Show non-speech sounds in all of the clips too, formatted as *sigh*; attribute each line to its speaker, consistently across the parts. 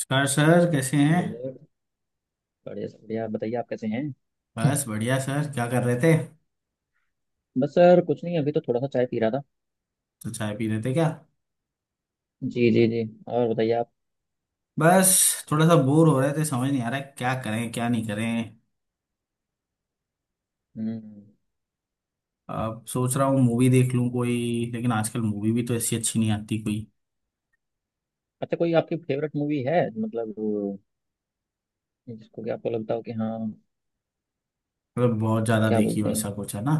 Speaker 1: नमस्कार सर, कैसे हैं।
Speaker 2: Hello sir. बढ़िया सर, बढ़िया। बताइए आप कैसे हैं? *clears throat*
Speaker 1: बस बढ़िया सर, क्या कर रहे थे।
Speaker 2: बस सर कुछ नहीं, अभी तो थोड़ा सा चाय पी रहा था।
Speaker 1: तो चाय पी रहे थे क्या।
Speaker 2: जी जी जी। और बताइए आप।
Speaker 1: बस थोड़ा सा बोर हो रहे थे, समझ नहीं आ रहा है क्या करें क्या नहीं करें।
Speaker 2: हम्म।
Speaker 1: अब सोच रहा हूँ मूवी देख लूँ कोई, लेकिन आजकल मूवी भी तो ऐसी अच्छी नहीं आती कोई।
Speaker 2: अच्छा, कोई आपकी फेवरेट मूवी है मतलब वो, जिसको कि आपको लगता हो कि हाँ,
Speaker 1: मतलब बहुत ज़्यादा
Speaker 2: क्या
Speaker 1: देखी
Speaker 2: बोलते हैं।
Speaker 1: वैसा कुछ है ना।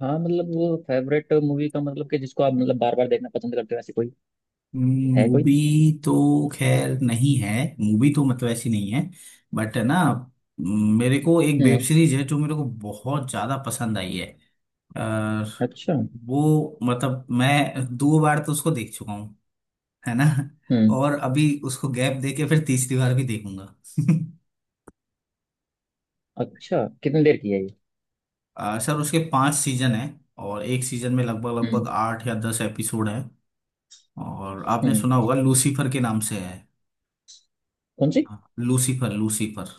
Speaker 2: हाँ मतलब वो फेवरेट मूवी का मतलब कि जिसको आप मतलब बार बार देखना पसंद करते हो, ऐसी कोई है कोई।
Speaker 1: मूवी तो खैर नहीं है। मूवी तो मतलब ऐसी नहीं है। बट है ना। मेरे को एक वेब
Speaker 2: हम्म।
Speaker 1: सीरीज है जो मेरे को बहुत ज़्यादा पसंद आई है।
Speaker 2: अच्छा।
Speaker 1: वो मतलब मैं दो बार तो उसको देख चुका हूँ। है ना।
Speaker 2: हम्म।
Speaker 1: और अभी उसको गैप दे के फिर तीसरी बार भी देखूंगा।
Speaker 2: अच्छा कितनी देर की है ये?
Speaker 1: *laughs* सर उसके पांच सीजन हैं। और एक सीजन में लगभग
Speaker 2: हम्म।
Speaker 1: लगभग 8 या 10 एपिसोड हैं। और आपने
Speaker 2: हम्म।
Speaker 1: सुना होगा लूसीफर के नाम से है।
Speaker 2: कौन सी?
Speaker 1: हाँ, लूसीफर लूसीफर।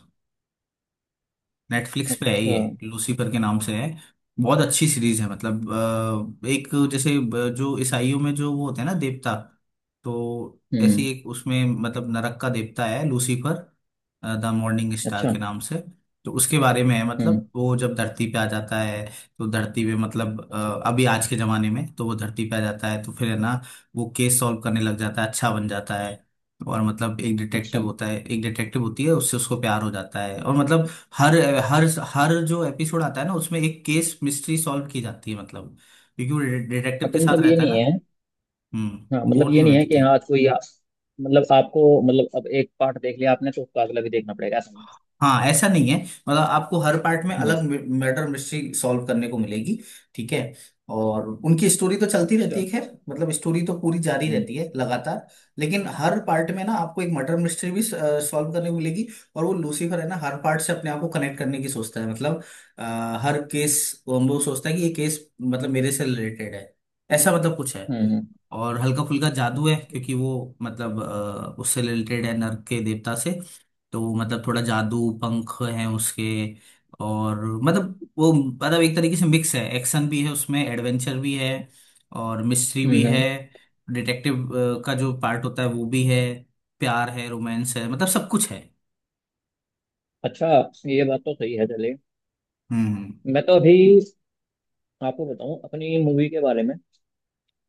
Speaker 1: नेटफ्लिक्स पे है
Speaker 2: अच्छा।
Speaker 1: ये, लूसीफर के नाम से है। बहुत अच्छी सीरीज है मतलब। एक जैसे जो ईसाइयों में जो वो होते हैं ना देवता। तो ऐसे
Speaker 2: हम्म।
Speaker 1: ही एक उसमें मतलब नरक का देवता है लूसीफर द मॉर्निंग स्टार
Speaker 2: अच्छा।
Speaker 1: के नाम से। तो उसके बारे में है मतलब
Speaker 2: हम्म।
Speaker 1: वो जब धरती पे आ जाता है। तो धरती पे मतलब
Speaker 2: अच्छा।
Speaker 1: अभी आज के जमाने में तो वो धरती पे आ जाता है तो फिर है
Speaker 2: हम्म,
Speaker 1: ना। वो केस सॉल्व करने लग जाता है, अच्छा बन जाता है। और मतलब एक
Speaker 2: अच्छा।
Speaker 1: डिटेक्टिव होता है, एक डिटेक्टिव होती है, उससे उसको प्यार हो जाता है और मतलब। हर हर हर जो एपिसोड आता है ना उसमें एक केस मिस्ट्री सॉल्व की जाती है मतलब। क्योंकि वो डिटेक्टिव के
Speaker 2: अच्छा
Speaker 1: साथ
Speaker 2: मतलब ये
Speaker 1: रहता है ना।
Speaker 2: नहीं है। हाँ
Speaker 1: हम्म,
Speaker 2: मतलब
Speaker 1: बोर नहीं
Speaker 2: ये नहीं
Speaker 1: होने
Speaker 2: है कि
Speaker 1: देती।
Speaker 2: हाँ आज कोई मतलब आपको मतलब अब एक पार्ट देख लिया आपने तो उसका अगला भी देखना पड़ेगा, ऐसा नहीं है।
Speaker 1: हाँ ऐसा नहीं है, मतलब आपको हर पार्ट में
Speaker 2: हम्म।
Speaker 1: अलग मर्डर मिस्ट्री सॉल्व करने को मिलेगी। ठीक है। और उनकी स्टोरी तो चलती रहती
Speaker 2: अच्छा।
Speaker 1: है, खैर मतलब स्टोरी तो पूरी जारी
Speaker 2: हम्म।
Speaker 1: रहती है लगातार। लेकिन हर पार्ट में ना आपको एक मर्डर मिस्ट्री भी सॉल्व करने को मिलेगी। और वो लूसीफर है ना हर पार्ट से अपने आप को कनेक्ट करने की सोचता है मतलब। अ, हर केस वो सोचता है कि ये केस मतलब मेरे से रिलेटेड है, ऐसा मतलब कुछ है।
Speaker 2: हम्म।
Speaker 1: और हल्का फुल्का जादू है
Speaker 2: अच्छा।
Speaker 1: क्योंकि वो मतलब उससे रिलेटेड है नर्क के देवता से। तो वो मतलब थोड़ा जादू पंख है उसके। और मतलब वो मतलब एक तरीके से मिक्स है, एक्शन भी है उसमें, एडवेंचर भी है और मिस्ट्री भी
Speaker 2: हम्म।
Speaker 1: है।
Speaker 2: हम्म।
Speaker 1: डिटेक्टिव का जो पार्ट होता है वो भी है। प्यार है, रोमांस है, मतलब सब कुछ है।
Speaker 2: अच्छा। ये बात तो सही है, चलिए।
Speaker 1: हम्म।
Speaker 2: मैं तो अभी आपको बताऊं अपनी मूवी के बारे में।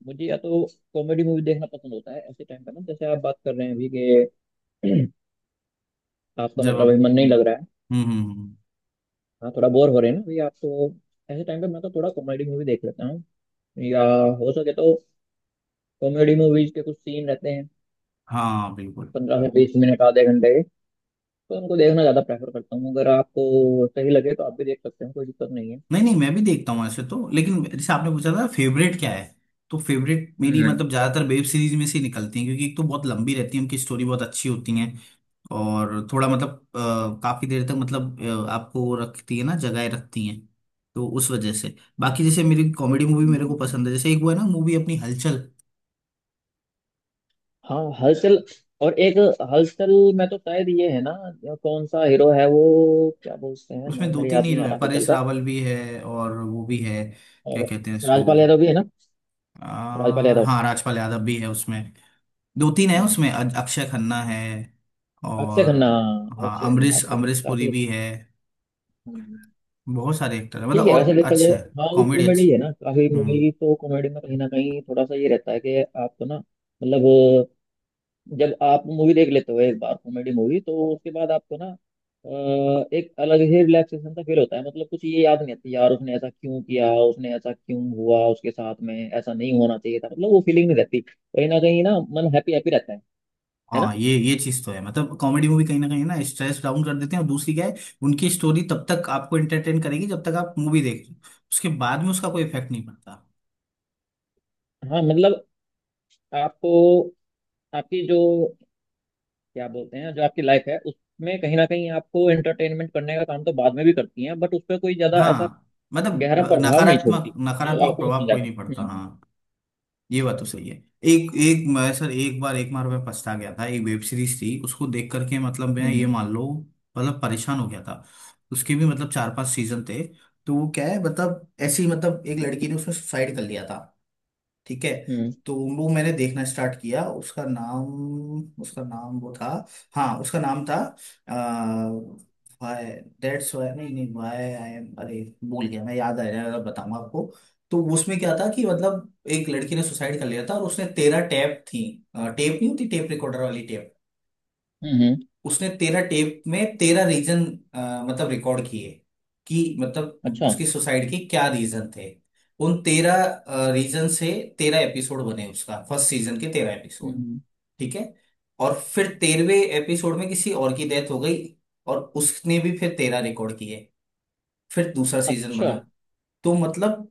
Speaker 2: मुझे या तो कॉमेडी मूवी देखना पसंद होता है ऐसे टाइम पे ना, जैसे आप बात कर रहे हैं अभी कि *clears throat* आपका
Speaker 1: जब
Speaker 2: मतलब अभी
Speaker 1: आप
Speaker 2: मन नहीं लग
Speaker 1: हम्म।
Speaker 2: रहा है।
Speaker 1: हम्म। हम्म।
Speaker 2: हाँ थोड़ा बोर हो रहे हैं ना अभी आप तो, ऐसे टाइम पे मैं तो थोड़ा कॉमेडी मूवी देख लेता हूँ, या हो सके तो कॉमेडी मूवीज के कुछ सीन रहते हैं
Speaker 1: हाँ बिल्कुल।
Speaker 2: 15 से 20 मिनट आधे घंटे के, तो उनको देखना ज़्यादा प्रेफर करता हूँ। अगर आपको सही लगे तो आप भी देख सकते हैं, कोई दिक्कत नहीं है।
Speaker 1: नहीं नहीं मैं भी देखता हूँ ऐसे तो, लेकिन जैसे आपने पूछा था फेवरेट क्या है। तो फेवरेट मेरी
Speaker 2: हम्म।
Speaker 1: मतलब ज्यादातर वेब सीरीज में से निकलती है, क्योंकि एक तो बहुत लंबी रहती है उनकी स्टोरी बहुत अच्छी होती है। और थोड़ा मतलब काफी देर तक मतलब आपको रखती है ना जगाए रखती हैं। तो उस वजह से बाकी, जैसे मेरी कॉमेडी मूवी मेरे को
Speaker 2: हम्म।
Speaker 1: पसंद है, जैसे एक वो है ना मूवी अपनी हलचल।
Speaker 2: हाँ हलचल। और एक हलचल में तो शायद ये है ना, या कौन सा हीरो है वो, क्या बोलते हैं
Speaker 1: उसमें
Speaker 2: नाम,
Speaker 1: दो
Speaker 2: मेरे
Speaker 1: तीन
Speaker 2: याद नहीं
Speaker 1: हीरो
Speaker 2: आ
Speaker 1: है,
Speaker 2: रहा हलचल
Speaker 1: परेश
Speaker 2: का।
Speaker 1: रावल भी है और वो भी है, क्या
Speaker 2: और
Speaker 1: कहते हैं इसको।
Speaker 2: राजपाल यादव भी है ना। राजपाल यादव।
Speaker 1: हाँ राजपाल यादव भी है उसमें। दो तीन है
Speaker 2: हम्म।
Speaker 1: उसमें, अक्षय खन्ना है।
Speaker 2: अक्षय
Speaker 1: और
Speaker 2: खन्ना।
Speaker 1: हाँ
Speaker 2: अक्षय खन्ना
Speaker 1: अमरीश
Speaker 2: अक्षय खन्ना
Speaker 1: अमरीश पुरी
Speaker 2: काफी।
Speaker 1: भी है।
Speaker 2: हम्म,
Speaker 1: बहुत सारे एक्टर है मतलब,
Speaker 2: ठीक है वैसे
Speaker 1: और
Speaker 2: देखा जाए।
Speaker 1: अच्छा है।
Speaker 2: हाँ वो
Speaker 1: कॉमेडी अच्छी।
Speaker 2: कॉमेडी है ना, काफी
Speaker 1: हम्म।
Speaker 2: मूवी तो कॉमेडी में कहीं ना कहीं थोड़ा सा ये रहता है कि आपको ना मतलब, जब आप मूवी देख लेते हो एक बार कॉमेडी मूवी, तो उसके बाद आपको ना एक अलग ही रिलैक्सेशन सा फील होता है, मतलब कुछ ये याद नहीं आती यार उसने ऐसा क्यों किया, उसने ऐसा क्यों हुआ, उसके साथ में ऐसा नहीं होना चाहिए था, मतलब वो फीलिंग नहीं रहती कहीं ना कहीं ना। मन हैप्पी हैप्पी रहता है ना।
Speaker 1: हाँ, ये चीज तो है, मतलब कॉमेडी मूवी कहीं ना स्ट्रेस डाउन कर देते हैं, और दूसरी क्या है। उनकी स्टोरी तब तक आपको एंटरटेन करेगी जब तक आप मूवी देख रहे हो। उसके बाद में उसका कोई इफेक्ट नहीं पड़ता।
Speaker 2: हाँ मतलब आपको, आपकी जो क्या बोलते हैं, जो आपकी लाइफ है उसमें कहीं ना कहीं आपको एंटरटेनमेंट करने का काम तो बाद में भी करती है, बट उस पर कोई ज्यादा ऐसा
Speaker 1: हाँ मतलब
Speaker 2: गहरा प्रभाव नहीं
Speaker 1: नकारात्मक
Speaker 2: छोड़ती जो
Speaker 1: नकारात्मक
Speaker 2: आपको नुकसान
Speaker 1: प्रभाव कोई
Speaker 2: जाएगा।
Speaker 1: नहीं पड़ता,
Speaker 2: हम्म।
Speaker 1: हाँ। ये बात तो सही है। एक एक मैं सर एक बार मैं पछता गया था, एक वेब सीरीज थी उसको देख करके, मतलब मैं ये
Speaker 2: हम्म।
Speaker 1: मान लो। मतलब परेशान हो गया था। उसके भी मतलब चार पांच सीजन थे। तो वो क्या है मतलब ऐसी मतलब एक लड़की ने उसमें सुसाइड कर लिया था। ठीक है।
Speaker 2: हम्म। हम्म।
Speaker 1: तो वो मैंने देखना स्टार्ट किया, उसका नाम वो था। हाँ उसका नाम था। वाई, दैट्स वाई नहीं नहीं वाई आई एम, अरे भूल गया मैं, याद आ जाएगा अगर बताऊंगा आपको। तो उसमें क्या था कि मतलब एक लड़की ने सुसाइड कर लिया था, और उसने 13 टेप थी। टेप नहीं होती, टेप रिकॉर्डर वाली टेप।
Speaker 2: हम्म, हम्म।
Speaker 1: उसने 13 टेप में 13 रीजन मतलब रिकॉर्ड किए, कि मतलब
Speaker 2: अच्छा।
Speaker 1: उसकी सुसाइड के क्या रीजन थे। उन 13 रीजन से 13 एपिसोड बने, उसका फर्स्ट सीजन के 13 एपिसोड।
Speaker 2: हम्म,
Speaker 1: ठीक है। और फिर 13वें एपिसोड में किसी और की डेथ हो गई। और उसने भी फिर 13 रिकॉर्ड किए। फिर दूसरा सीजन
Speaker 2: अच्छा।
Speaker 1: बना। तो मतलब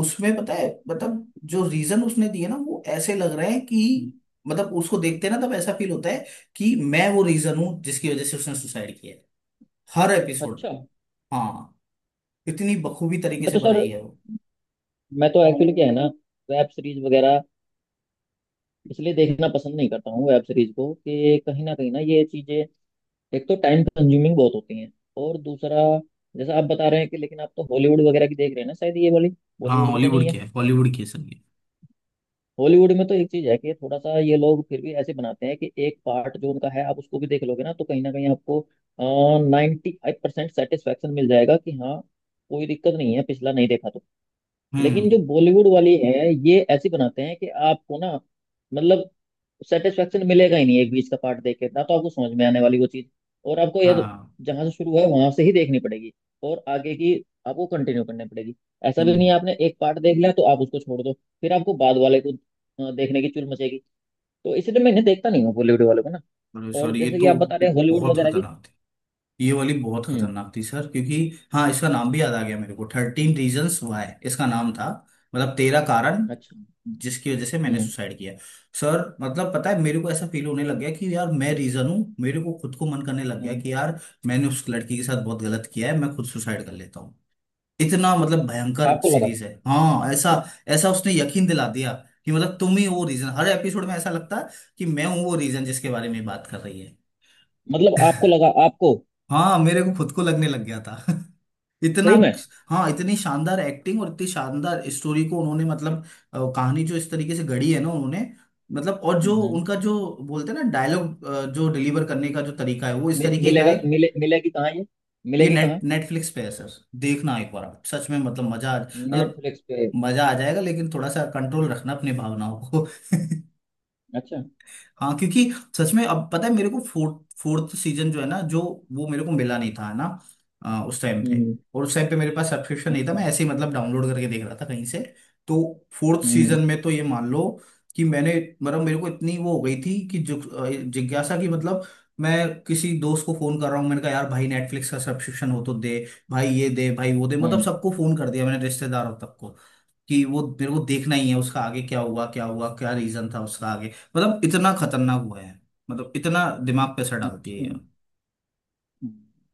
Speaker 1: उसमें पता है मतलब जो रीजन उसने दिए ना वो ऐसे लग रहे हैं
Speaker 2: हम्म,
Speaker 1: कि मतलब उसको देखते ना तब ऐसा फील होता है कि मैं वो रीजन हूं जिसकी वजह से उसने सुसाइड किया है, हर एपिसोड।
Speaker 2: अच्छा।
Speaker 1: हाँ, इतनी बखूबी तरीके
Speaker 2: मैं
Speaker 1: से
Speaker 2: तो सर,
Speaker 1: बनाई है वो।
Speaker 2: मैं तो एक्चुअली क्या है ना, वेब सीरीज वगैरह इसलिए देखना पसंद नहीं करता हूँ वेब सीरीज को, कि कहीं ना ये चीजें एक तो टाइम कंज्यूमिंग बहुत होती हैं, और दूसरा जैसा आप बता रहे हैं कि, लेकिन आप तो हॉलीवुड वगैरह की देख रहे हैं ना शायद, ये वाली
Speaker 1: हाँ
Speaker 2: बॉलीवुड की तो नहीं
Speaker 1: हॉलीवुड
Speaker 2: है।
Speaker 1: की है, हॉलीवुड की है सर ये।
Speaker 2: हॉलीवुड में तो एक चीज है कि थोड़ा सा ये लोग फिर भी ऐसे बनाते हैं कि एक पार्ट जो उनका है आप उसको भी देख लोगे ना, तो कहीं ना कहीं आपको 95% सेटिस्फेक्शन मिल जाएगा कि हाँ, कोई दिक्कत नहीं है पिछला नहीं देखा तो।
Speaker 1: हम्म।
Speaker 2: लेकिन जो बॉलीवुड वाली है, ये ऐसी बनाते हैं कि आपको ना मतलब सेटिस्फेक्शन मिलेगा ही नहीं एक बीच का पार्ट देख के ना, तो आपको समझ में आने वाली वो चीज। और आपको यार
Speaker 1: हाँ।
Speaker 2: जहां से शुरू हुआ है वहां से ही देखनी पड़ेगी, और आगे की आपको कंटिन्यू करनी पड़ेगी। ऐसा भी नहीं
Speaker 1: हम्म।
Speaker 2: है आपने एक पार्ट देख लिया तो आप उसको छोड़ दो, फिर आपको बाद वाले को देखने की चुल मचेगी। तो इसलिए मैं इन्हें देखता नहीं हूँ बॉलीवुड वालों को ना, और
Speaker 1: सॉरी ये
Speaker 2: जैसे कि
Speaker 1: तो
Speaker 2: आप बता रहे हैं हॉलीवुड
Speaker 1: बहुत
Speaker 2: वगैरह की।
Speaker 1: खतरनाक थी। ये वाली बहुत
Speaker 2: हम्म।
Speaker 1: खतरनाक थी सर, क्योंकि हाँ इसका नाम भी याद आ गया मेरे को, थर्टीन रीजन्स वाई इसका नाम था। मतलब तेरह कारण
Speaker 2: अच्छा।
Speaker 1: जिसकी वजह से मैंने
Speaker 2: हम्म।
Speaker 1: सुसाइड किया। सर मतलब पता है मेरे को ऐसा फील होने लग गया कि यार मैं रीजन हूँ, मेरे को खुद को मन करने लग गया
Speaker 2: हम्म।
Speaker 1: कि यार मैंने उस लड़की के साथ बहुत गलत किया है, मैं खुद सुसाइड कर लेता हूँ। इतना मतलब भयंकर
Speaker 2: आपको लगा,
Speaker 1: सीरीज है, हाँ ऐसा। ऐसा उसने यकीन दिला दिया, कि मतलब तुम ही वो रीजन, हर एपिसोड में ऐसा लगता है कि मैं हूँ वो रीजन जिसके बारे में बात कर रही है।
Speaker 2: मतलब आपको लगा? आपको
Speaker 1: हाँ मेरे को खुद को लगने लग गया था *laughs* इतना।
Speaker 2: सही में?
Speaker 1: हाँ इतनी शानदार एक्टिंग और इतनी शानदार स्टोरी को उन्होंने मतलब कहानी जो इस तरीके से गढ़ी है ना उन्होंने मतलब। और जो
Speaker 2: हम्म। हम्म।
Speaker 1: उनका जो बोलते हैं ना डायलॉग जो डिलीवर करने का जो तरीका है वो इस
Speaker 2: मि-
Speaker 1: तरीके का
Speaker 2: मिलेगा
Speaker 1: है।
Speaker 2: मिले मिलेगी कहाँ ये?
Speaker 1: ये
Speaker 2: मिलेगी कहाँ?
Speaker 1: नेटफ्लिक्स पे है सर। देखना एक बार आप सच में मतलब मजा मतलब
Speaker 2: नेटफ्लिक्स पे?
Speaker 1: मजा आ जाएगा, लेकिन थोड़ा सा कंट्रोल रखना अपनी भावनाओं को *laughs*
Speaker 2: अच्छा।
Speaker 1: हाँ क्योंकि सच में अब पता है मेरे को फोर्थ फोर्थ सीजन जो है ना जो वो मेरे को मिला नहीं था, है ना, उस टाइम
Speaker 2: हम्म।
Speaker 1: पे। और उस टाइम पे मेरे पास सब्सक्रिप्शन नहीं था,
Speaker 2: अच्छा।
Speaker 1: मैं ऐसे ही मतलब डाउनलोड करके देख रहा था कहीं से। तो फोर्थ
Speaker 2: हम्म।
Speaker 1: सीजन में तो ये मान लो कि मैंने मतलब मेरे को इतनी वो हो गई थी कि जिज्ञासा की मतलब। मैं किसी दोस्त को फोन कर रहा हूँ, मैंने कहा यार भाई नेटफ्लिक्स का सब्सक्रिप्शन हो तो दे, भाई ये दे भाई वो दे, मतलब
Speaker 2: हम्म,
Speaker 1: सबको फोन कर दिया मैंने रिश्तेदारों तक को। कि वो मेरे को देखना ही है उसका, आगे क्या हुआ क्या हुआ क्या रीजन था उसका आगे। मतलब इतना खतरनाक हुआ है। मतलब इतना दिमाग पे असर डालती है
Speaker 2: अच्छा।
Speaker 1: ये।
Speaker 2: हम्म।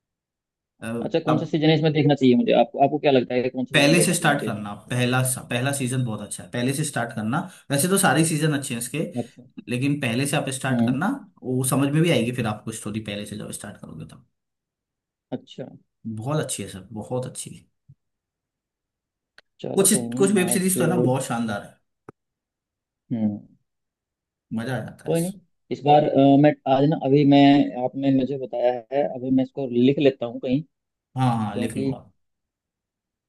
Speaker 1: अ,
Speaker 2: अच्छा कौन सा
Speaker 1: अब
Speaker 2: सीजन इसमें देखना चाहिए मुझे, आपको आपको क्या लगता है कि कौन सा सीजन
Speaker 1: पहले से
Speaker 2: देखना चाहिए
Speaker 1: स्टार्ट
Speaker 2: मुझे इसमें?
Speaker 1: करना पहला। पहला सीजन बहुत अच्छा है, पहले से स्टार्ट करना। वैसे तो सारे सीजन अच्छे हैं इसके।
Speaker 2: अच्छा।
Speaker 1: लेकिन पहले से आप स्टार्ट
Speaker 2: हम्म।
Speaker 1: करना। वो समझ में भी आएगी, फिर आपको स्टोरी पहले से जब स्टार्ट करोगे तब।
Speaker 2: अच्छा
Speaker 1: बहुत अच्छी है सर, बहुत अच्छी है।
Speaker 2: चलो
Speaker 1: कुछ
Speaker 2: कोई
Speaker 1: कुछ वेब
Speaker 2: नहीं
Speaker 1: सीरीज तो है ना
Speaker 2: आज।
Speaker 1: बहुत शानदार है।
Speaker 2: हम्म।
Speaker 1: मजा आ जाता है।
Speaker 2: कोई नहीं, इस बार मैं आज ना, अभी मैं, आपने मुझे बताया है अभी, मैं इसको लिख लेता हूँ कहीं,
Speaker 1: हाँ हाँ लिख लो
Speaker 2: क्योंकि
Speaker 1: आप।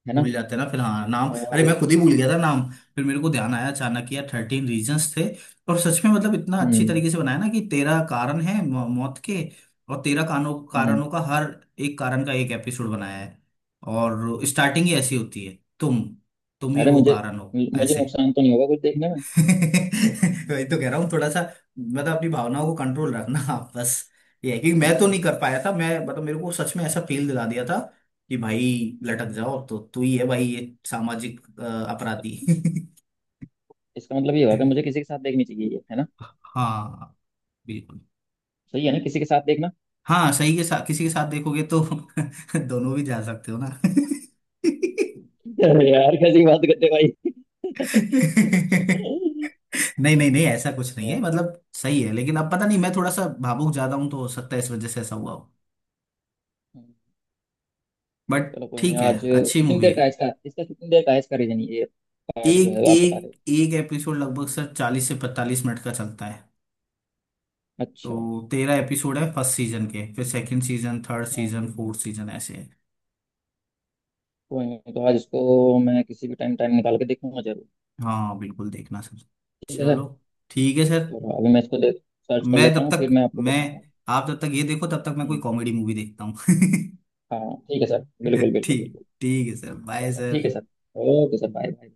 Speaker 2: है ना।
Speaker 1: भूल जाते हैं ना फिर, हाँ नाम, अरे
Speaker 2: और
Speaker 1: मैं खुद ही भूल गया था नाम। फिर मेरे को ध्यान आया अचानक कि यार थर्टीन रीजंस थे। और सच में मतलब इतना अच्छी
Speaker 2: हम्म।
Speaker 1: तरीके से बनाया ना कि 13 कारण है मौत के। और 13 कारणों
Speaker 2: हम्म।
Speaker 1: कारणों का हर एक कारण का एक एपिसोड बनाया है। और स्टार्टिंग ही ऐसी होती है, तुम ही
Speaker 2: अरे
Speaker 1: वो
Speaker 2: मुझे
Speaker 1: कारण हो,
Speaker 2: मुझे
Speaker 1: ऐसे।
Speaker 2: नुकसान तो नहीं होगा कुछ देखने में?
Speaker 1: *laughs* तो वही तो कह रहा हूँ थोड़ा सा मतलब अपनी भावनाओं को कंट्रोल रखना *laughs* आप बस। ये है कि मैं तो
Speaker 2: अच्छा
Speaker 1: नहीं कर पाया था, मैं मतलब मेरे को सच में ऐसा फील दिला दिया था कि भाई लटक जाओ, तो तू ही है भाई ये सामाजिक अपराधी *laughs*
Speaker 2: इसका मतलब ये हुआ कि मुझे किसी के साथ देखनी चाहिए ये, है ना?
Speaker 1: हाँ बिल्कुल।
Speaker 2: सही है ना, किसी के साथ देखना।
Speaker 1: हाँ सही के साथ, किसी के साथ देखोगे तो *laughs* दोनों भी जा सकते हो ना *laughs*
Speaker 2: *laughs* अरे यार कैसी बात करते हो भाई। *laughs*
Speaker 1: नहीं नहीं नहीं ऐसा कुछ नहीं है,
Speaker 2: और,
Speaker 1: मतलब सही है, लेकिन अब पता नहीं मैं थोड़ा सा भावुक ज्यादा हूं, तो हो सकता है इस वजह से ऐसा हुआ हो।
Speaker 2: हम्म,
Speaker 1: बट
Speaker 2: चलो कोई नहीं
Speaker 1: ठीक है।
Speaker 2: आज।
Speaker 1: अच्छी
Speaker 2: कितनी
Speaker 1: मूवी
Speaker 2: देर का
Speaker 1: है।
Speaker 2: है इसका इसका कितनी देर का है, इसका रीजन, ये पार्ट जो
Speaker 1: एक
Speaker 2: है आप बता रहे हो।
Speaker 1: एक एक एपिसोड लगभग सर 40 से 45 मिनट का चलता है।
Speaker 2: अच्छा।
Speaker 1: तो 13 एपिसोड है फर्स्ट सीजन के, फिर सेकंड सीजन, थर्ड
Speaker 2: हाँ
Speaker 1: सीजन, फोर्थ सीजन, ऐसे है।
Speaker 2: कोई नहीं, तो आज इसको मैं किसी भी टाइम टाइम निकाल के देखूंगा जरूर।
Speaker 1: हाँ बिल्कुल देखना सर।
Speaker 2: ठीक है
Speaker 1: चलो
Speaker 2: सर।
Speaker 1: ठीक है सर।
Speaker 2: चलो अभी मैं इसको देख, सर्च कर
Speaker 1: मैं
Speaker 2: लेता
Speaker 1: तब
Speaker 2: हूँ, फिर
Speaker 1: तक
Speaker 2: मैं आपको
Speaker 1: मैं
Speaker 2: बताऊंगा।
Speaker 1: आप जब तक ये देखो तब तक मैं कोई
Speaker 2: हम्म,
Speaker 1: कॉमेडी मूवी देखता हूँ *laughs*
Speaker 2: हाँ ठीक है सर। बिल्कुल बिल्कुल
Speaker 1: ठीक
Speaker 2: बिल्कुल।
Speaker 1: ठीक है सर, बाय
Speaker 2: चलो ठीक है
Speaker 1: sir.
Speaker 2: Sir. Okay sir, bye bye.